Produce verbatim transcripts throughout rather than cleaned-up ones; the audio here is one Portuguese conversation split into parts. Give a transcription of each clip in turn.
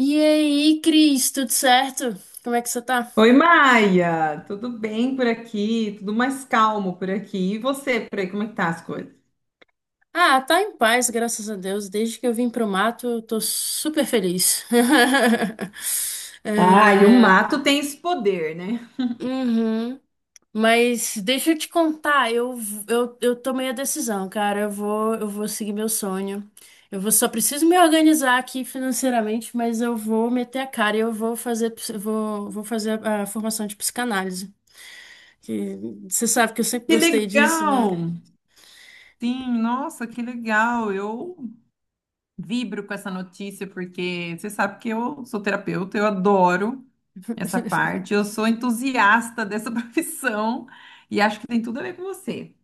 E aí, Cris, tudo certo? Como é que você tá? Oi, Maia, tudo bem por aqui? Tudo mais calmo por aqui. E você, por aí, como é que tá as coisas? Ah, tá em paz, graças a Deus. Desde que eu vim pro mato, eu tô super feliz. Ah, e o É, mato tem esse poder, né? uhum. Mas deixa eu te contar, eu, eu, eu tomei a decisão, cara. Eu vou, eu vou seguir meu sonho. Eu vou, só preciso me organizar aqui financeiramente, mas eu vou meter a cara e eu vou fazer, ps- eu vou, vou fazer a a formação de psicanálise. Que você sabe que eu sempre Que gostei disso, legal! né? Sim, nossa, que legal! Eu vibro com essa notícia porque você sabe que eu sou terapeuta, eu adoro essa parte, eu sou entusiasta dessa profissão e acho que tem tudo a ver com você.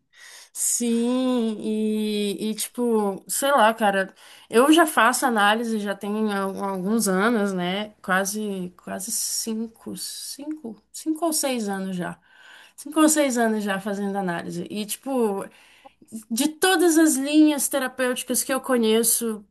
Sim, e, e, tipo, sei lá, cara, eu já faço análise já tem al- alguns anos, né? Quase, quase cinco, cinco, cinco ou seis anos já. Cinco ou seis anos já fazendo análise. E, tipo, de todas as linhas terapêuticas que eu conheço,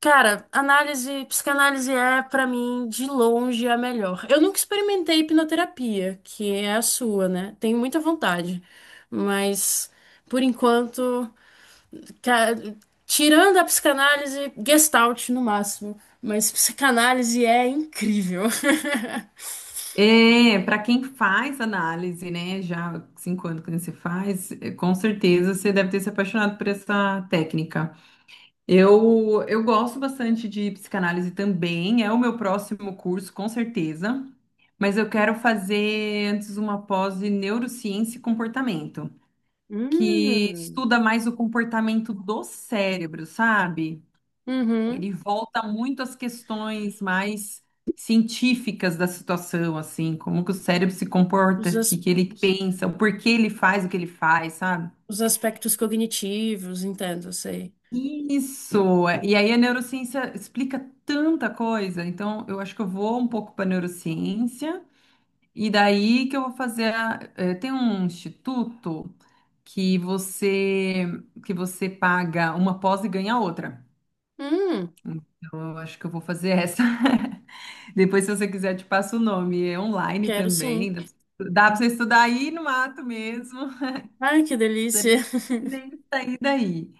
cara, análise, psicanálise é pra mim de longe a melhor. Eu nunca experimentei hipnoterapia, que é a sua, né? Tenho muita vontade, mas por enquanto, ca- tirando a psicanálise, Gestalt no máximo, mas psicanálise é incrível. É, para quem faz análise, né, já há cinco anos que você faz, é, com certeza você deve ter se apaixonado por essa técnica. Eu, eu gosto bastante de psicanálise também, é o meu próximo curso, com certeza, mas eu quero fazer antes uma pós em neurociência e comportamento, que Hum, estuda mais o comportamento do cérebro, sabe? uhum. Ele volta muito às questões mais científicas da situação, assim, como que o cérebro se comporta, Os, o que as- que ele pensa, o porquê ele faz o que ele faz, sabe? os aspectos cognitivos, entendo, sei. Isso! E aí a neurociência explica tanta coisa, então eu acho que eu vou um pouco para neurociência, e daí que eu vou fazer. A- eh, tem um instituto que você que você paga uma pós e ganha outra. Hum, Então eu acho que eu vou fazer essa. Depois, se você quiser, eu te passo o nome. É online quero sim. também. Dá para você estudar aí no mato mesmo. Ai, que delícia. Nem sair daí.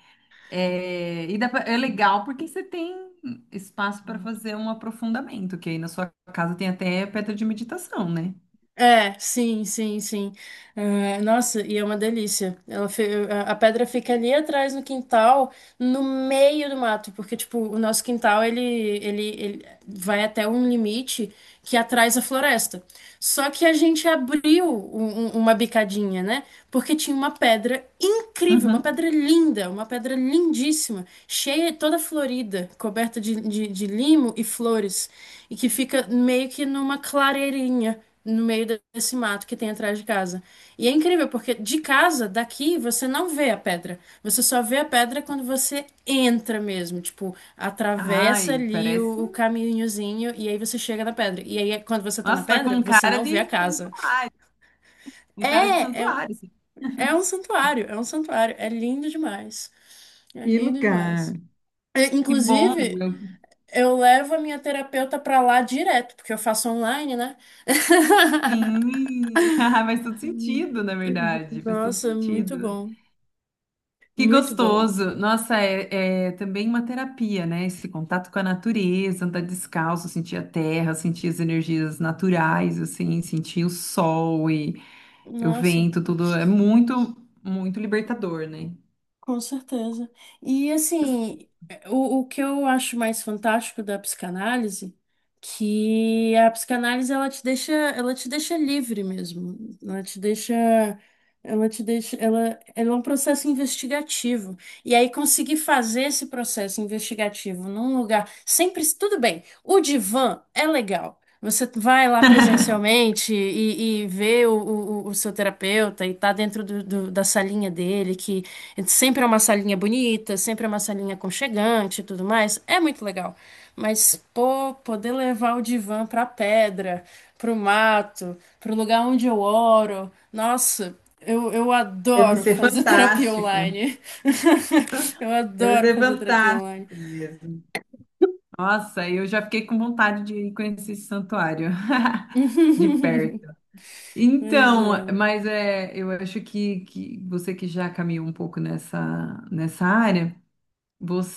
É, e dá pra- é legal porque você tem espaço para fazer um aprofundamento, que aí na sua casa tem até pedra de meditação, né? É, sim, sim, sim. Ah, nossa, e é uma delícia. Ela fe- a a pedra fica ali atrás no quintal, no meio do mato, porque tipo, o nosso quintal ele, ele, ele vai até um limite que atrás a floresta. Só que a gente abriu um- um- uma bicadinha, né? Porque tinha uma pedra incrível, uma Uhum. pedra linda, uma pedra lindíssima, cheia, toda florida, coberta de, de, de limo e flores, e que fica meio que numa clareirinha no meio de- desse mato que tem atrás de casa. E é incrível, porque de casa, daqui, você não vê a pedra. Você só vê a pedra quando você entra mesmo. Tipo, atravessa Ai, ali parece. o, o caminhozinho e aí você chega na pedra. E aí, quando você tá na Nossa, tá com pedra, um você cara não vê de a casa. santuário. Um cara de É, é, santuário, assim. é um santuário, é um santuário. É lindo demais. É Que lindo lugar. demais. É, Que bom. inclusive, Eu- eu levo a minha terapeuta pra lá direto, porque eu faço online, né? Sim. Faz todo Hum, sentido, na verdade. Faz todo nossa, muito sentido. bom. Que Muito bom. gostoso! Nossa, é, é também uma terapia, né? Esse contato com a natureza, andar descalço, sentir a terra, sentir as energias naturais, assim, sentir o sol e o Nossa, vento, tudo é muito, muito libertador, né? com certeza. E assim, o, o que eu acho mais fantástico da psicanálise, que a psicanálise ela te deixa, ela te deixa livre mesmo. Ela te deixa, ela te deixa, ela, ela é um processo investigativo. E aí conseguir fazer esse processo investigativo num lugar sempre tudo bem. O divã é legal. Você vai lá presencialmente e, e vê o, o- o seu terapeuta e tá dentro do- do- da salinha dele, que sempre é uma salinha bonita, sempre é uma salinha aconchegante e tudo mais. É muito legal. Mas, pô, poder levar o divã pra pedra, pro mato, pro lugar onde eu oro. Nossa, eu, eu Deve adoro ser fazer terapia fantástico. online. Eu Deve adoro ser fazer terapia online. fantástico mesmo. Nossa, eu já fiquei com vontade de ir conhecer esse santuário de perto. Mas Então, é. mas é, eu acho que, que você que já caminhou um pouco nessa, nessa área.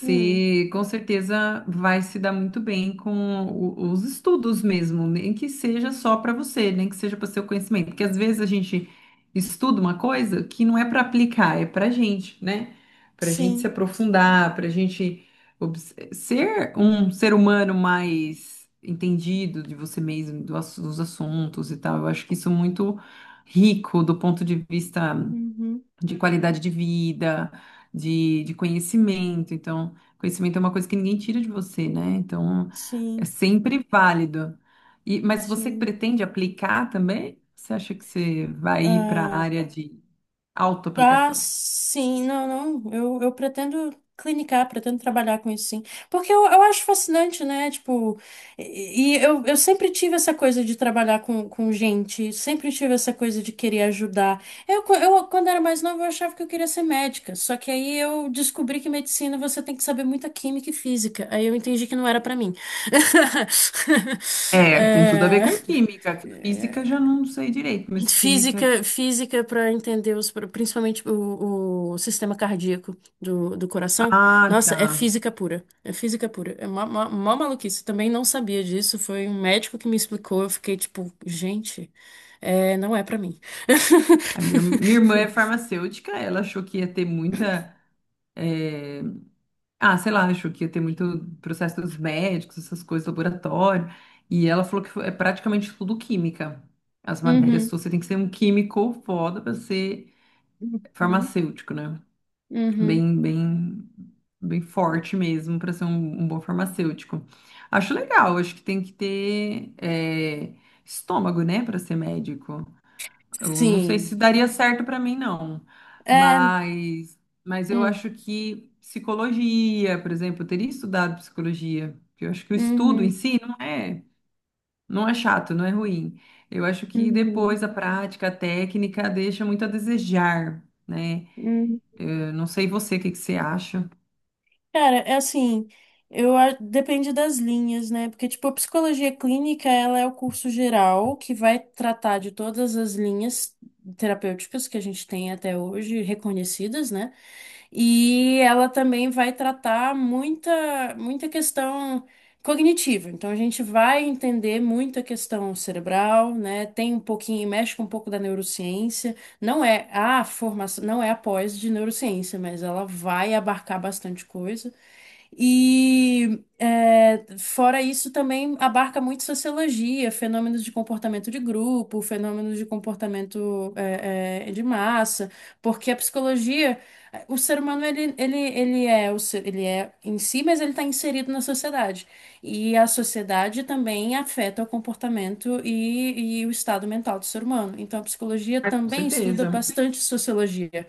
Hum. com certeza vai se dar muito bem com o- os estudos mesmo, nem que seja só para você, nem que seja para seu conhecimento, porque às vezes a gente estuda uma coisa que não é para aplicar, é para gente, né? Para gente se Sim, aprofundar, para gente obs- ser um ser humano mais entendido de você mesmo, do ass- dos assuntos e tal. Eu acho que isso é muito rico do ponto de vista uhum, de qualidade de vida, de, de conhecimento. Então, conhecimento é uma coisa que ninguém tira de você, né? Então, é sim, sempre válido. E, mas você sim. pretende aplicar também? Você acha que você vai ir para a Ah, área de ah, autoaplicação? sim, não, não. Eu, eu pretendo clinicar, pretendo trabalhar com isso, sim. Porque eu, eu acho fascinante, né? Tipo, e, e eu, eu sempre tive essa coisa de trabalhar com, com gente, sempre tive essa coisa de querer ajudar. Eu, co- eu, quando era mais nova, eu achava que eu queria ser médica. Só que aí eu descobri que medicina você tem que saber muita química e física. Aí eu entendi que não era pra mim. É, tem tudo a ver É, com química. Física já não sei direito, mas química. Física, física para entender os, principalmente o, o sistema cardíaco do, do coração. Ah, Nossa, tá. é física pura. É física pura. É mó, mó, mó maluquice. Também não sabia disso. Foi um médico que me explicou. Eu fiquei tipo, gente, é, não é para mim. A minha, irm- minha irmã é farmacêutica, ela achou que ia ter muita. Ah, sei lá, achou que ia ter muito processo dos médicos, essas coisas, laboratório. E ela falou que foi- é praticamente tudo química. As Uhum. matérias, Uhum, suas, você tem que ser um químico foda para ser uhum, farmacêutico, né? uhum. Bem, bem, bem forte mesmo para ser um, um bom farmacêutico. Acho legal, acho que tem que ter é, estômago, né, para ser médico. Eu não sei se Sim. daria certo para mim, não. É. Mas, mas eu Hum, acho que psicologia, por exemplo, eu teria estudado psicologia, porque eu acho que o estudo em uhum. si não é, não é chato, não é ruim. Eu acho que Uhum. depois a prática, a técnica deixa muito a desejar, né? Uhum. Eu não sei você, o que que você acha? Cara, é assim, eu a- depende das linhas, né? Porque, tipo, a psicologia clínica, ela é o curso geral que vai tratar de todas as linhas terapêuticas que a gente tem até hoje reconhecidas, né? E ela também vai tratar muita, muita questão cognitiva. Então, a gente vai entender muita questão cerebral, né? Tem um pouquinho, mexe com um pouco da neurociência. Não é a formação, não é a pós de neurociência, mas ela vai abarcar bastante coisa. E é, fora isso também abarca muito sociologia, fenômenos de comportamento de grupo, fenômenos de comportamento é, é, de massa, porque a psicologia, é, o ser humano ele, ele, ele é o ser- ele é em si, mas ele está inserido na sociedade. E a sociedade também afeta o comportamento e, e o estado mental do ser humano. Então a psicologia Com também estuda certeza. bastante sociologia.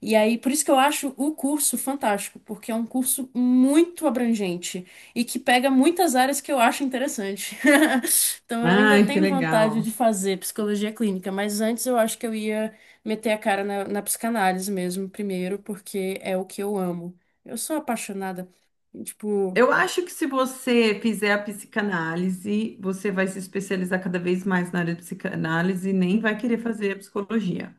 E aí, por isso que eu acho o curso fantástico, porque é um curso muito abrangente e que pega muitas áreas que eu acho interessante. Então, eu ainda Ai, que tenho vontade legal. de fazer psicologia clínica, mas antes eu acho que eu ia meter a cara na, na psicanálise mesmo, primeiro, porque é o que eu amo. Eu sou apaixonada. Tipo. Eu acho que se você fizer a psicanálise, você vai se especializar cada vez mais na área de psicanálise e nem vai querer fazer a psicologia.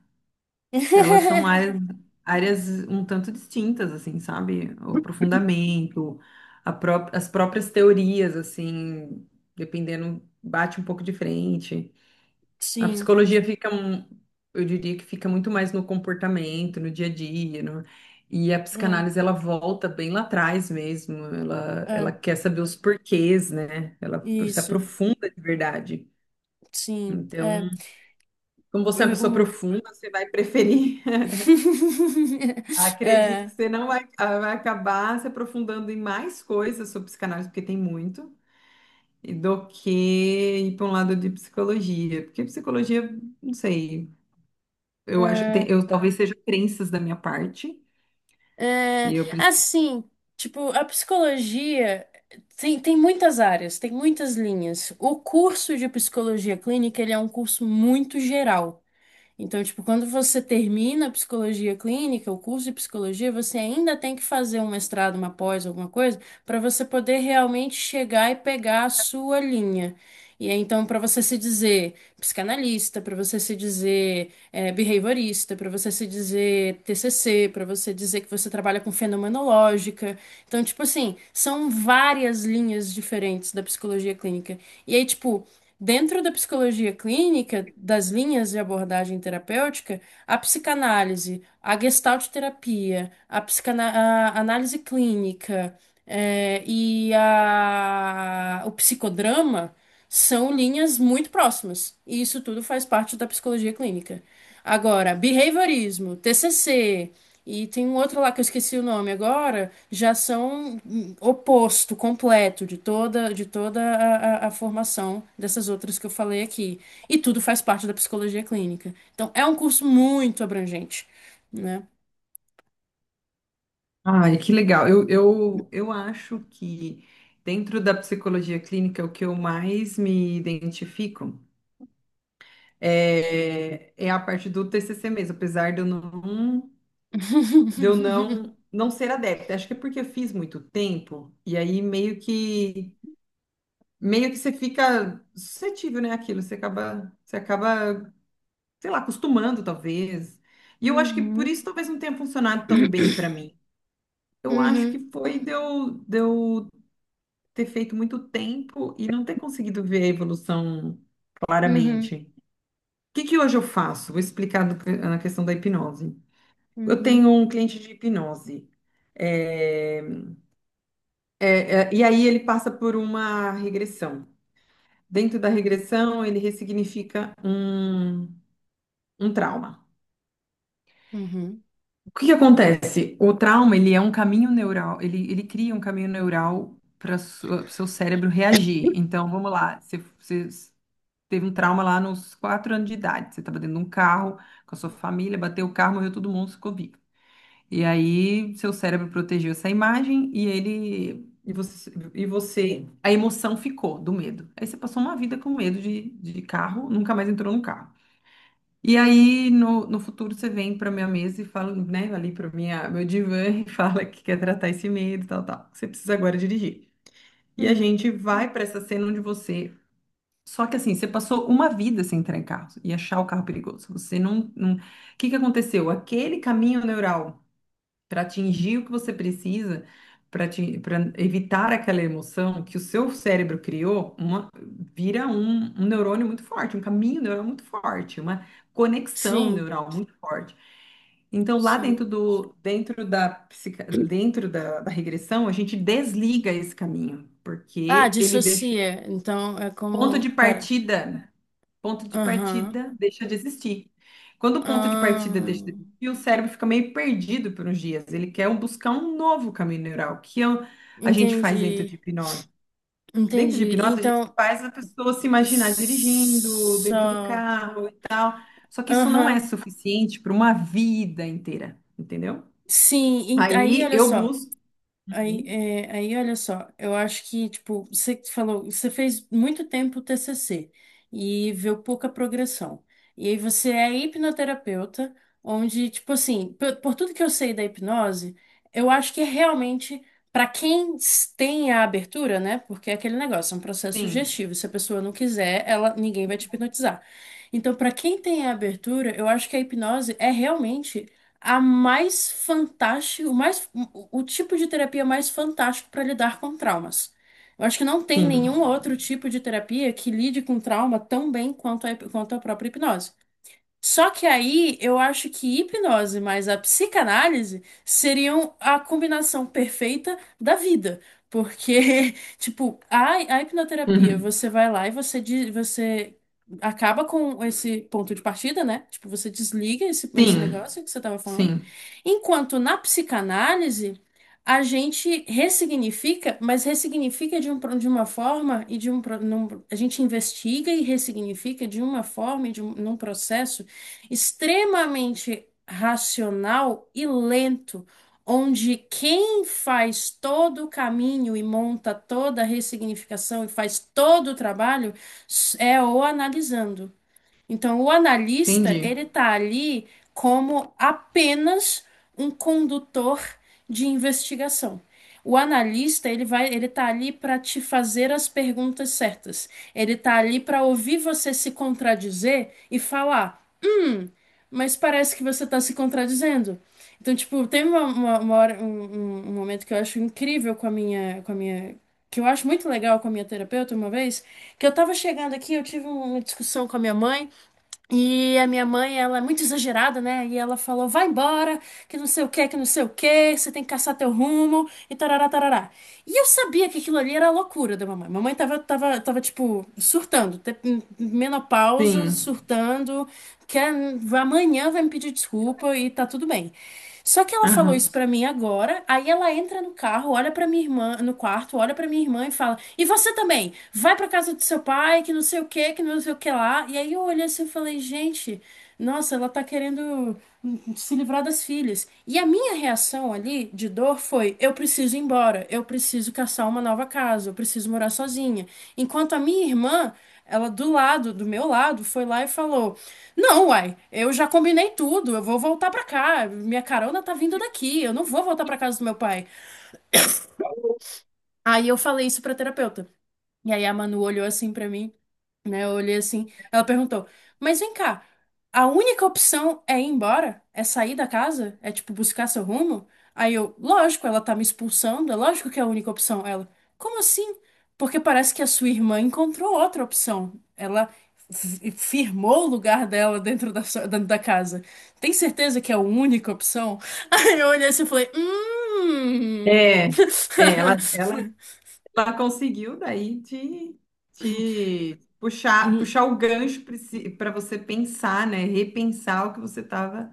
Elas são áreas, áreas um tanto distintas, assim, sabe? O aprofundamento, a pró- as próprias teorias, assim, dependendo, bate um pouco de frente. A Sim. psicologia fica, um- eu diria que fica muito mais no comportamento, no dia a dia, no- e a Hum, psicanálise ela volta bem lá atrás mesmo, ela, é, ela quer saber os porquês, né? Ela se isso. aprofunda de verdade. Sim. Então, É, como você é uma é, pessoa o... profunda, você vai preferir. Acredito é, que você não vai, ah, vai acabar se aprofundando em mais coisas sobre psicanálise, porque tem muito, e do que ir para um lado de psicologia, porque psicologia, não sei. Eu acho, é, tem- eu talvez seja crenças da minha parte, é, e eu preciso. assim, tipo, a psicologia tem, tem muitas áreas, tem muitas linhas. O curso de psicologia clínica, ele é um curso muito geral. Então, tipo, quando você termina a psicologia clínica, o curso de psicologia, você ainda tem que fazer um mestrado, uma pós, alguma coisa, para você poder realmente chegar e pegar a sua linha. E aí, então, para você se dizer psicanalista, para você se dizer eh, behaviorista, para você se dizer T C C, para você dizer que você trabalha com fenomenológica. Então, tipo assim, são várias linhas diferentes da psicologia clínica. E aí, tipo, dentro da psicologia clínica, das linhas de abordagem terapêutica, a psicanálise, a gestalt terapia, a, psicana- a análise clínica, eh, e a- o psicodrama são linhas muito próximas. E isso tudo faz parte da psicologia clínica. Agora, behaviorismo, T C C. E tem um outro lá que eu esqueci o nome agora, já são hum, oposto, completo de toda, de toda a, a- a formação dessas outras que eu falei aqui. E tudo faz parte da psicologia clínica. Então é um curso muito abrangente, né? Ai, que legal. Eu, eu, eu acho que dentro da psicologia clínica, o que eu mais me identifico é, é a parte do T C C mesmo, apesar de eu não, de eu não, não ser adepta. Acho que é porque eu fiz muito tempo, e aí meio que meio que você fica suscetível, né, àquilo, você acaba, você acaba, sei lá, acostumando, talvez. E eu acho que por Uhum. isso talvez não tenha funcionado tão bem para mim. Eu acho Uhum. que foi de eu, de eu ter feito muito tempo e não ter conseguido ver a evolução Uhum. claramente. O que que hoje eu faço? Vou explicar do que- na questão da hipnose. Eu Uhum. tenho um cliente de hipnose. É, é, é, e aí ele passa por uma regressão. Dentro da regressão, ele ressignifica um, um trauma. Uhum. O que que acontece? O trauma, ele é um caminho neural, ele, ele cria um caminho neural para o seu cérebro reagir. Então, vamos lá, você, você teve um trauma lá nos quatro anos de idade, você estava dentro de um carro com a sua família, bateu o carro, morreu todo mundo, ficou vivo. E aí, seu cérebro protegeu essa imagem e ele. E você, e você, a emoção ficou do medo. Aí você passou uma vida com medo de, de carro, nunca mais entrou no carro. E aí, no, no futuro, você vem para minha mesa e fala, né, ali para minha, meu divã e fala que quer tratar esse medo, tal, tal. Você precisa agora dirigir. E a Uhum. gente vai para essa cena onde você. Só que assim, você passou uma vida sem entrar em carro e achar o carro perigoso. Você não, não. O que que aconteceu? Aquele caminho neural para atingir o que você precisa, para evitar aquela emoção que o seu cérebro criou, uma, vira um, um neurônio muito forte, um caminho neural muito forte, uma conexão Sim, neural muito forte. Então, lá sim. dentro do, dentro da, psica- dentro da, da regressão, a gente desliga esse caminho, Ah, porque ele deixa o dissocia. Então é ponto como. de Pera. partida. Ponto de Aham. partida deixa de existir. Quando o ponto de Ah, partida deixa de existir, o cérebro fica meio perdido por uns dias. Ele quer um- buscar um novo caminho neural, que é o- a gente faz dentro entendi. de hipnose. Dentro de Entendi. hipnose, a gente Então, faz a pessoa se imaginar dirigindo dentro do só. carro. Só que isso não é Aham. suficiente para uma vida inteira, entendeu? Sim, en- aí Aí olha eu só. busco. Aí, Uhum. é, aí, olha só, eu acho que, tipo, você falou, você fez muito tempo o T C C e viu pouca progressão. E aí você é hipnoterapeuta, onde, tipo assim, por, por tudo que eu sei da hipnose, eu acho que é realmente, para quem s- tem a abertura, né? Porque é aquele negócio, é um processo Sim, sugestivo. Se a pessoa não quiser, ela, ninguém vai te hipnotizar. Então, para quem tem a abertura, eu acho que a hipnose é realmente a mais fantástica, o mais, o o tipo de terapia mais fantástico para lidar com traumas. Eu acho que não tem sim. nenhum outro tipo de terapia que lide com trauma tão bem quanto a, quanto a própria hipnose. Só que aí eu acho que hipnose mais a psicanálise seriam a combinação perfeita da vida. Porque, tipo, a, a hipnoterapia, Uhum. você vai lá e você, de- você acaba com esse ponto de partida, né? Tipo, você desliga esse, esse Sim, negócio que você tava falando. sim. Enquanto na psicanálise, a gente ressignifica, mas ressignifica de, um, pro- de uma forma e de um. pro- num- a gente investiga e ressignifica de uma forma e de um, num processo extremamente racional e lento, onde quem faz todo o caminho e monta toda a ressignificação e faz todo o trabalho é o analisando. Então, o analista, Entendi. ele tá ali como apenas um condutor de investigação. O analista, ele vai, ele tá ali para te fazer as perguntas certas. Ele tá ali para ouvir você se contradizer e falar: mas parece que você está se contradizendo. Então, tipo, tem uma, uma, uma hora, um, um- um momento que eu acho incrível com a minha, com a minha, que eu acho muito legal com a minha terapeuta uma vez, que eu tava chegando aqui, eu tive uma discussão com a minha mãe, e a minha mãe, ela é muito exagerada, né? E ela falou: vai embora, que não sei o que, que não sei o que, você tem que caçar teu rumo, e tarará, tarará. E eu sabia que aquilo ali era a loucura da mamãe. Mamãe tava, tava, tava tipo, surtando, te- menopausa, Sim. surtando, que amanhã vai me pedir desculpa e tá tudo bem. Só que ela falou Aham. isso pra mim agora, aí ela entra no carro, olha pra minha irmã, no quarto, olha pra minha irmã e fala: "E você também? Vai pra casa do seu pai, que não sei o que, que não sei o que lá". E aí eu olhei assim e falei: "Gente, nossa, ela tá querendo hum, se livrar das filhas". E a minha reação ali de dor foi: "Eu preciso ir embora, eu preciso caçar uma nova casa, eu preciso morar sozinha". Enquanto a minha irmã, ela do lado, do meu lado, foi lá e falou: não, uai, eu já combinei tudo, eu vou voltar pra cá, minha carona tá vindo daqui, eu não vou voltar pra casa do meu pai. Aí eu falei isso pra terapeuta. E aí a Manu olhou assim pra mim, né? Eu olhei assim. Ela perguntou: mas vem cá, a única opção é ir embora? É sair da casa? É tipo buscar seu rumo? Aí eu, lógico, ela tá me expulsando, é lógico que é a única opção. Ela, como assim? Porque parece que a sua irmã encontrou outra opção. Ela fi- firmou o lugar dela dentro da, sua- dentro da casa. Tem certeza que é a única opção? Aí eu olhei assim e falei: hum. É, é, ela, ela Ela conseguiu daí te, te puxar, Hum. puxar o gancho para você pensar, né? Repensar o que você estava,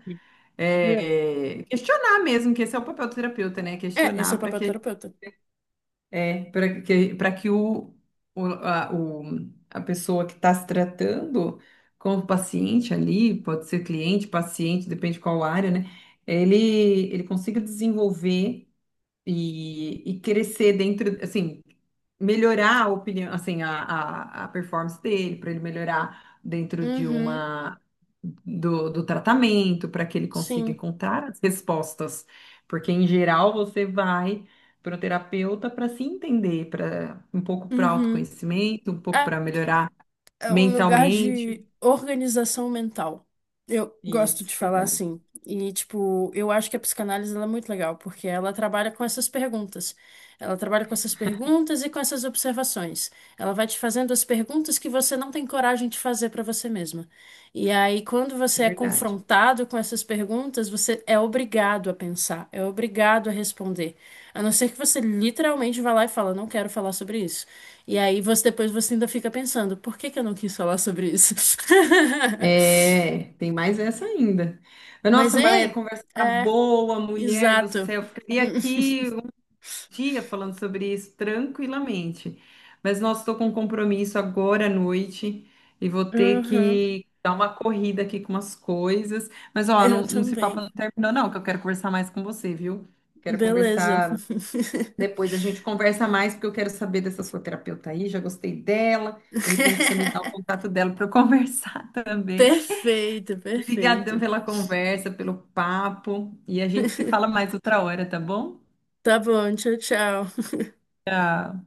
questionar mesmo, que esse é o papel do terapeuta, né? É, esse é Questionar o para papel do que, terapeuta. é, para que, para que o, o, a, o- a pessoa que está se tratando com o paciente ali, pode ser cliente, paciente, depende qual área, né? Ele, ele consiga desenvolver e, e crescer dentro, assim, melhorar a opinião, assim, a, a, a performance dele, para ele melhorar dentro de Uhum, uma do, do tratamento, para que ele consiga sim. encontrar as respostas. Porque em geral você vai para o terapeuta para se entender, para um pouco para Uhum. autoconhecimento, um pouco É, para melhorar é um lugar mentalmente. de organização mental. Eu gosto Isso, de falar verdade, assim. E, tipo, eu acho que a psicanálise ela é muito legal, porque ela trabalha com essas perguntas. Ela trabalha com essas perguntas e com essas observações. Ela vai te fazendo as perguntas que você não tem coragem de fazer para você mesma. E aí, quando é você é verdade. confrontado com essas perguntas, você é obrigado a pensar, é obrigado a responder. A não ser que você literalmente vá lá e fala, não quero falar sobre isso. E aí você depois você ainda fica pensando, por que que eu não quis falar sobre isso? É, tem mais essa ainda. Mas, Mas, nossa, Maria, a hein? conversa tá É, boa, mulher do exato. céu. Ficaria aqui um dia falando sobre isso tranquilamente. Mas, nossa, estou com um compromisso agora à noite e vou ter Uhum, que dar uma corrida aqui com umas coisas. Mas, ó, eu não, não se papo não também. terminou, não, que eu quero conversar mais com você, viu? Quero Beleza. conversar depois. A gente conversa mais, porque eu quero saber dessa sua terapeuta aí. Já gostei dela. De repente, você me dá o contato dela para eu conversar também. Perfeito, Obrigadão perfeito. pela conversa, pelo papo. E a gente se fala mais outra hora, tá bom? Tá bom, tchau, tchau. Tá.